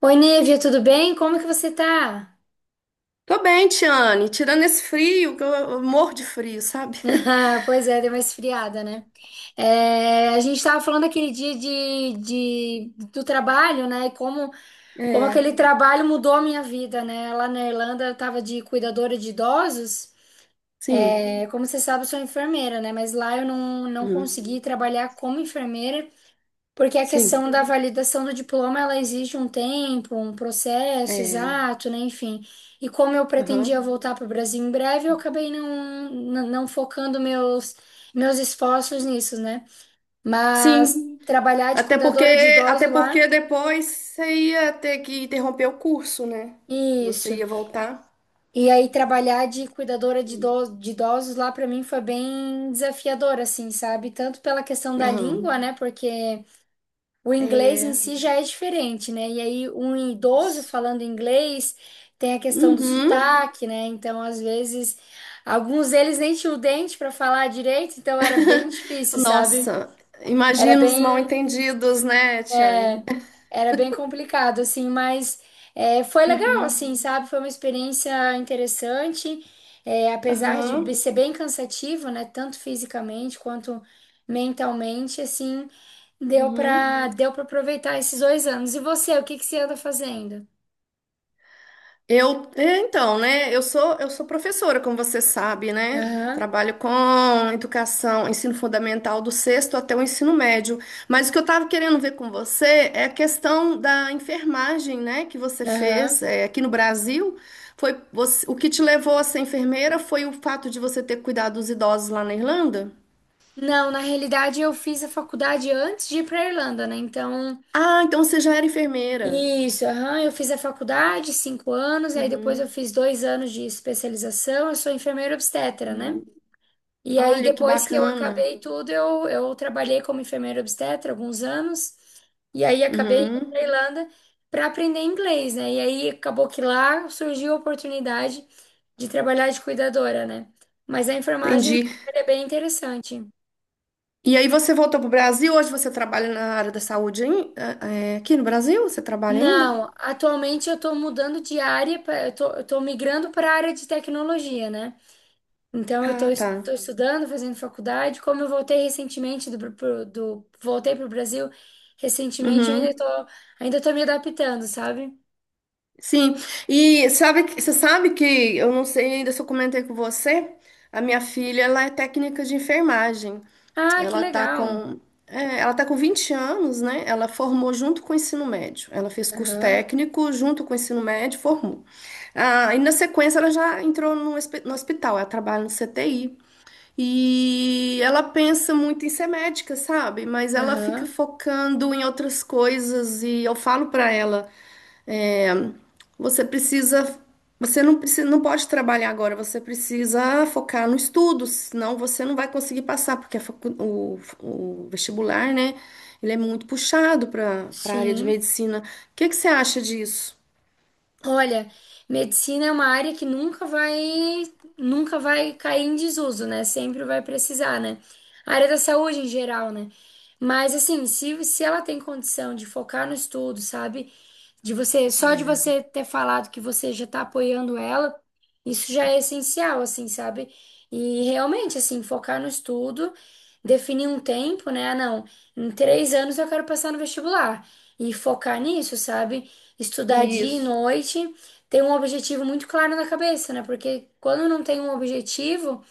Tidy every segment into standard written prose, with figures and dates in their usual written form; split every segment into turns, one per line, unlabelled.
Oi, Nívia, tudo bem? Como que você tá?
Tô bem, Tiane. Tirando esse frio, que eu morro de frio, sabe?
Pois é, deu uma esfriada, né? É, a gente estava falando aquele dia do trabalho, né? E como
É,
aquele trabalho mudou a minha vida, né? Lá na Irlanda eu estava de cuidadora de idosos.
sim.
É, como você sabe, eu sou enfermeira, né? Mas lá eu não, não
Uhum.
consegui trabalhar como enfermeira. Porque a
Sim.
questão da validação do diploma, ela exige um tempo, um processo
É.
exato, né? Enfim. E como eu pretendia
Aham.
voltar para o Brasil em breve, eu acabei não, não, não focando meus, esforços nisso, né? Mas,
Sim.
sim, trabalhar de
Até porque,
cuidadora de
até
idoso lá,
porque depois você ia ter que interromper o curso, né? Você
isso.
ia voltar.
E aí trabalhar de cuidadora de idosos lá para mim foi bem desafiador, assim, sabe? Tanto pela questão da
Aham.
língua, né? Porque o inglês em
É.
si já é diferente, né? E aí, um idoso
Isso.
falando inglês tem a questão do
Uhum.
sotaque, né? Então, às vezes, alguns deles nem tinham o dente para falar direito, então era bem difícil, sabe?
Nossa,
Era
imagina os
bem
mal-entendidos, né, Tiane?
era bem complicado, assim, mas, é, foi legal,
Uhum.
assim, sabe? Foi uma experiência interessante, é, apesar de be-
Aham.
ser bem cansativo, né? Tanto fisicamente quanto mentalmente, assim, deu
Uhum.
pra, deu pra aproveitar esses 2 anos. E você, o que que você anda fazendo?
Eu, então, né? Eu sou professora, como você sabe, né?
Aham,
Trabalho com educação, ensino fundamental do sexto até o ensino médio. Mas o que eu estava querendo ver com você é a questão da enfermagem, né? Que você fez,
aham.
aqui no Brasil. O que te levou a ser enfermeira foi o fato de você ter cuidado dos idosos lá na Irlanda?
Não, na realidade eu fiz a faculdade antes de ir pra Irlanda, né? Então.
Ah, então você já era enfermeira.
Isso, aham, eu fiz a faculdade, 5 anos, aí depois
Uhum,
eu fiz 2 anos de especialização, eu sou enfermeira obstetra, né?
uhum.
E aí
Olha que
depois que eu
bacana.
acabei tudo, eu trabalhei como enfermeira obstetra alguns anos, e aí acabei indo para
Uhum.
Irlanda para aprender inglês, né? E aí acabou que lá surgiu a oportunidade de trabalhar de cuidadora, né? Mas a enfermagem
Entendi.
é bem interessante.
E aí você voltou para o Brasil, hoje você trabalha na área da saúde aqui no Brasil? Você trabalha ainda?
Não, atualmente eu estou mudando de área, eu estou migrando para a área de tecnologia, né? Então, eu
Ah, tá.
estou estudando, fazendo faculdade. Como eu voltei recentemente do, pro- do voltei para o Brasil recentemente, eu ainda
Uhum.
estou ainda tô me adaptando, sabe?
Sim. E sabe, você sabe que eu não sei ainda se eu comentei com você, a minha filha, ela é técnica de enfermagem.
Ah, que
Ela tá
legal.
com ela tá com 20 anos, né? Ela formou junto com o ensino médio. Ela fez curso
Aham,
técnico junto com o ensino médio, formou. Ah, e na sequência ela já entrou no hospital, ela trabalha no CTI. E ela pensa muito em ser médica, sabe? Mas ela fica
aham,
focando em outras coisas e eu falo pra ela, é, você precisa, você não precisa, não pode trabalhar agora, você precisa focar no estudo, senão você não vai conseguir passar, porque o vestibular, né? Ele é muito puxado para a área de
sim.
medicina. O que que você acha disso?
Olha, medicina é uma área que nunca vai cair em desuso, né? Sempre vai precisar, né? A área da saúde em geral, né? Mas assim, se ela tem condição de focar no estudo, sabe? De você, só de
É.
você ter falado que você já tá apoiando ela, isso já é essencial, assim, sabe? E realmente, assim, focar no estudo, definir um tempo, né? Ah, não, em 3 anos eu quero passar no vestibular. E focar nisso, sabe? Estudar dia e
Isso.
noite, ter um objetivo muito claro na cabeça, né? Porque quando não tem um objetivo,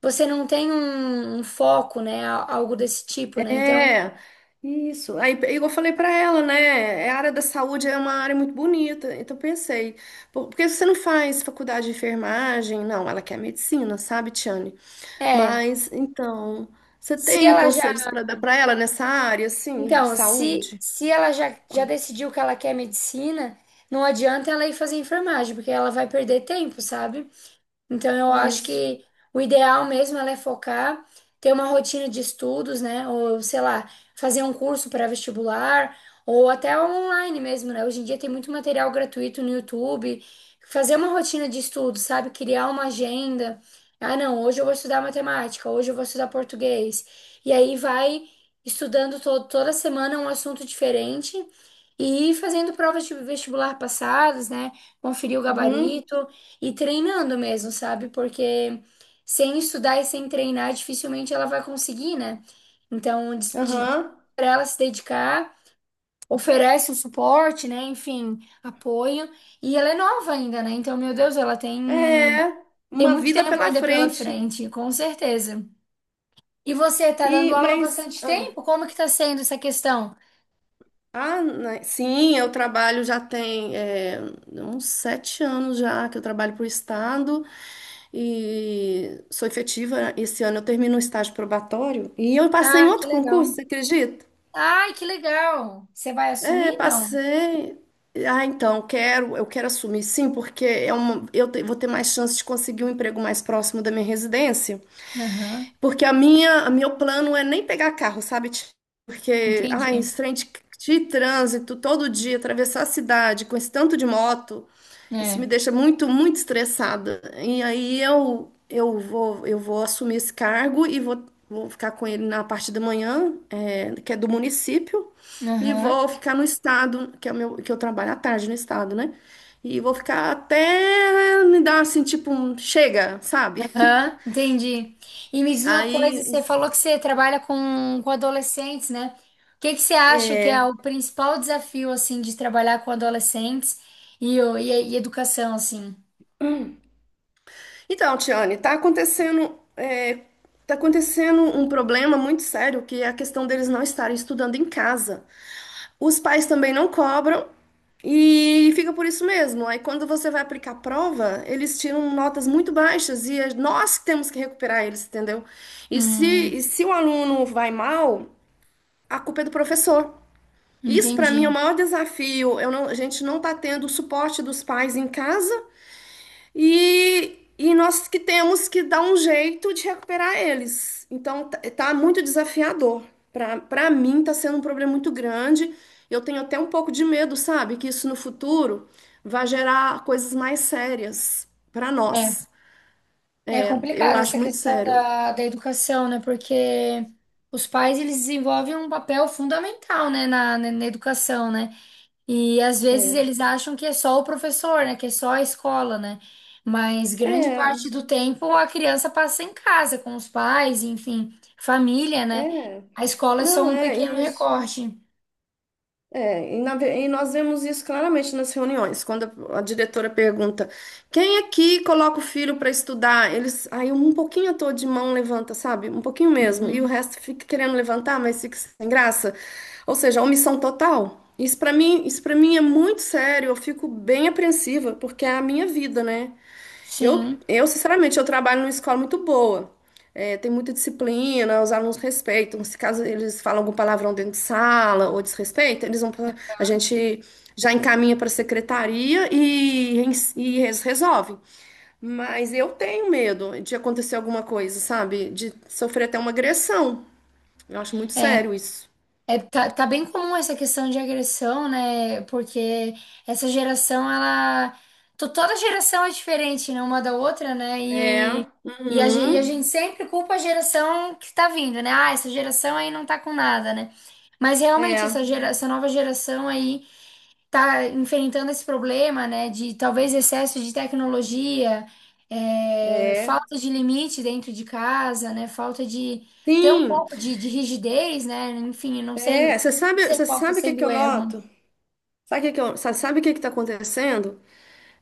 você não tem um foco, né? Algo desse tipo, né? Então,
É, isso. Aí, é igual eu falei pra ela, né? A área da saúde é uma área muito bonita. Então, eu pensei, por que você não faz faculdade de enfermagem? Não, ela quer medicina, sabe, Tiane?
é.
Mas, então, você
Se
tem
ela já
conselhos pra dar pra ela nessa área, assim, de
Então, se,
saúde?
se ela já decidiu que ela quer medicina, não adianta ela ir fazer enfermagem, porque ela vai perder tempo, sabe? Então, eu acho
Isso.
que o ideal mesmo ela é focar, ter uma rotina de estudos, né? Ou, sei lá, fazer um curso pré-vestibular, ou até online mesmo, né? Hoje em dia tem muito material gratuito no YouTube. Fazer uma rotina de estudos, sabe? Criar uma agenda. Ah, não, hoje eu vou estudar matemática, hoje eu vou estudar português. E aí vai estudando to toda semana um assunto diferente e fazendo provas de vestibular passadas, né? Conferir o
Uhum,
gabarito. E treinando mesmo, sabe? Porque sem estudar e sem treinar, dificilmente ela vai conseguir, né? Então,
aham.
para ela se dedicar, oferece o suporte, né? Enfim, apoio. E ela é nova ainda, né? Então, meu Deus, ela tem,
É,
tem
uma
muito
vida
tempo
pela
ainda pela
frente.
frente, com certeza. E você tá dando
E,
aula há
mas.
bastante tempo? Como que tá sendo essa questão?
Ah, né, sim, eu trabalho já tem uns 7 anos já que eu trabalho para o Estado e sou efetiva. Esse ano eu termino um estágio probatório e eu passei em
Ah, que
outro concurso,
legal.
você acredita?
Ai, que legal. Você vai
É,
assumir? Não.
passei. Ah, então, eu quero assumir sim, porque vou ter mais chance de conseguir um emprego mais próximo da minha residência.
Aham,
Porque a meu plano é nem pegar carro, sabe? Ti? Porque, ai,
entendi.
esse trem de trânsito todo dia, atravessar a cidade com esse tanto de moto, isso me
É.
deixa muito, muito estressada. E aí eu vou assumir esse cargo e vou ficar com ele na parte da manhã, que é do município, e
Aham.
vou ficar no estado, que é o meu, que eu trabalho à tarde no estado, né? E vou ficar até me dar assim, tipo, um chega, sabe?
Hã? Entendi. E me diz uma coisa,
Aí,
você falou que você trabalha com adolescentes, né? O que que você acha que é o principal desafio, assim, de trabalhar com adolescentes e educação, assim?
então, Tiane, tá acontecendo um problema muito sério, que é a questão deles não estarem estudando em casa. Os pais também não cobram e fica por isso mesmo. Aí, quando você vai aplicar a prova, eles tiram notas muito baixas e é nós que temos que recuperar eles, entendeu? E se,
Hum,
e se o aluno vai mal, a culpa é do professor. Isso, para
entendi.
mim, é o maior desafio. Eu não- A gente não está tendo o suporte dos pais em casa. E nós que temos que dar um jeito de recuperar eles. Então, tá muito desafiador. Para mim, tá sendo um problema muito grande. Eu tenho até um pouco de medo, sabe? Que isso no futuro vai gerar coisas mais sérias para
É,
nós.
é
É, eu
complicado
acho
essa
muito
questão
sério.
da educação, né? Porque os pais, eles desenvolvem um papel fundamental, né, na educação, né? E às vezes
É,
eles acham que é só o professor, né? Que é só a escola, né? Mas grande
é,
parte do tempo a criança passa em casa com os pais, enfim, família, né?
é.
A escola é só
Não,
um
é
pequeno
isso.
recorte.
É, e nós vemos isso claramente nas reuniões, quando a diretora pergunta: quem aqui coloca o filho para estudar? Eles, aí um pouquinho à toa de mão levanta, sabe? Um pouquinho mesmo, e o
Uhum.
resto fica querendo levantar, mas fica sem graça. Ou seja, omissão total. Isso para mim é muito sério, eu fico bem apreensiva, porque é a minha vida, né?
Sim.
Sinceramente, eu trabalho numa escola muito boa. É, tem muita disciplina, os alunos respeitam. Se caso eles falam algum palavrão dentro de sala ou desrespeito, eles vão pra, a gente já encaminha para a secretaria e, e eles resolvem. Mas eu tenho medo de acontecer alguma coisa, sabe? De sofrer até uma agressão. Eu acho muito
É,
sério isso.
É, tá bem comum essa questão de agressão, né? Porque essa geração, ela. To- Toda geração é diferente, né? Uma da outra, né?
É,
E, a, ge- e a
uhum,
gente sempre culpa a geração que tá vindo, né? Ah, essa geração aí não tá com nada, né? Mas realmente, essa,
é,
gera, essa nova geração aí tá enfrentando esse problema, né, de talvez excesso de tecnologia, é,
é.
falta de limite dentro de casa, né, falta de ter um
Sim.
pouco de rigidez, né, enfim, eu não sei,
É,
não sei
você
qual está
sabe o que
sendo
que
o
eu noto?
erro.
Sabe o que está acontecendo?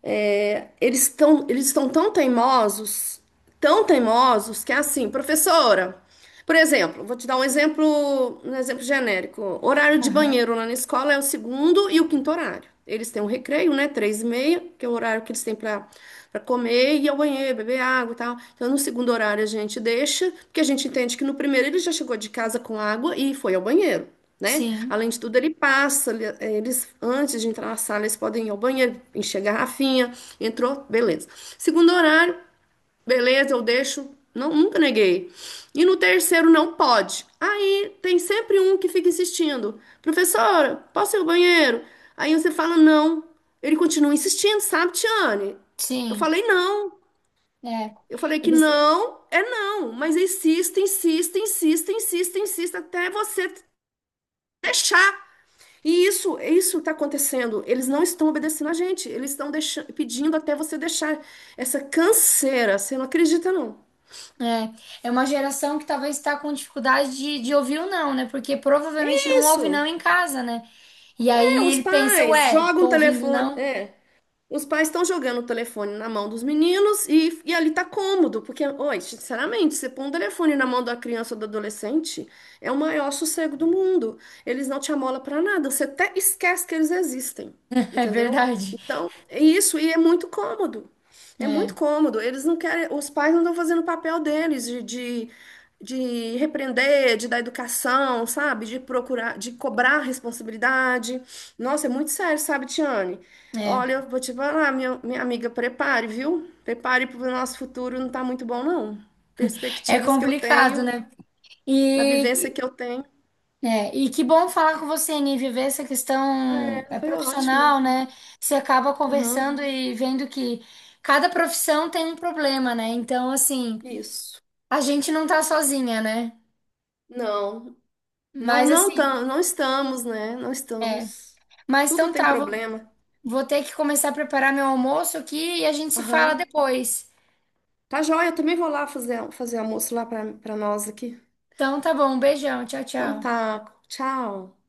É, eles estão tão teimosos, que é assim, professora, por exemplo, vou te dar um exemplo genérico. Horário de
Aham.
banheiro lá na escola é o segundo e o quinto horário. Eles têm um recreio, né? 3:30, que é o horário que eles têm para comer, ir ao banheiro, beber água e tal. Então, no segundo horário a gente deixa, porque a gente entende que no primeiro ele já chegou de casa com água e foi ao banheiro, né?
Sim,
Além de tudo, eles, antes de entrar na sala, eles podem ir ao banheiro, encher a garrafinha, entrou, beleza. Segundo horário, beleza, eu deixo, não, nunca neguei. E no terceiro, não pode. Aí tem sempre um que fica insistindo, professora, posso ir ao banheiro? Aí você fala, não. Ele continua insistindo, sabe, Tiane? Eu
sim,
falei, não.
é.
Eu falei que
É,
não é não, mas insista, insista, insista, insista, insista, até você. E isso está acontecendo. Eles não estão obedecendo a gente. Eles estão pedindo até você deixar essa canseira. Você não acredita, não?
é uma geração que talvez está com dificuldade de ouvir o não, né, porque provavelmente não ouve
Isso.
não em casa, né, e
É,
aí
os
ele pensa,
pais
ué,
jogam o
tô ouvindo
telefone.
não,
É. Os pais estão jogando o telefone na mão dos meninos e ali tá cômodo, porque, oi, sinceramente, você põe um telefone na mão da criança ou do adolescente, é o maior sossego do mundo. Eles não te amolam pra nada, você até esquece que eles existem,
é
entendeu?
verdade,
Então, é isso, e é muito cômodo. É muito
é.
cômodo. Eles não querem, os pais não estão fazendo o papel deles de repreender, de dar educação, sabe? De procurar, de cobrar responsabilidade. Nossa, é muito sério, sabe, Tiane? Olha,
É.
eu vou te falar, minha amiga, prepare, viu? Prepare para o nosso futuro, não está muito bom, não.
É
Perspectivas que eu
complicado,
tenho,
né?
da
E,
vivência que eu tenho,
e que bom falar com você, Nívia, ver essa questão é
foi ótimo.
profissional, né? Você acaba
Aham,
conversando e vendo que cada profissão tem um problema, né? Então, assim,
isso.
a gente não tá sozinha, né?
Não, não,
Mas,
não,
assim,
não estamos, né? Não
é.
estamos.
Mas
Tudo
então
tem
tá, vou,
problema.
vou ter que começar a preparar meu almoço aqui e a gente se fala
Aham.
depois.
Tá joia, eu também vou lá fazer almoço lá para nós aqui.
Então tá bom, um beijão, tchau,
Então
tchau.
tá, tchau.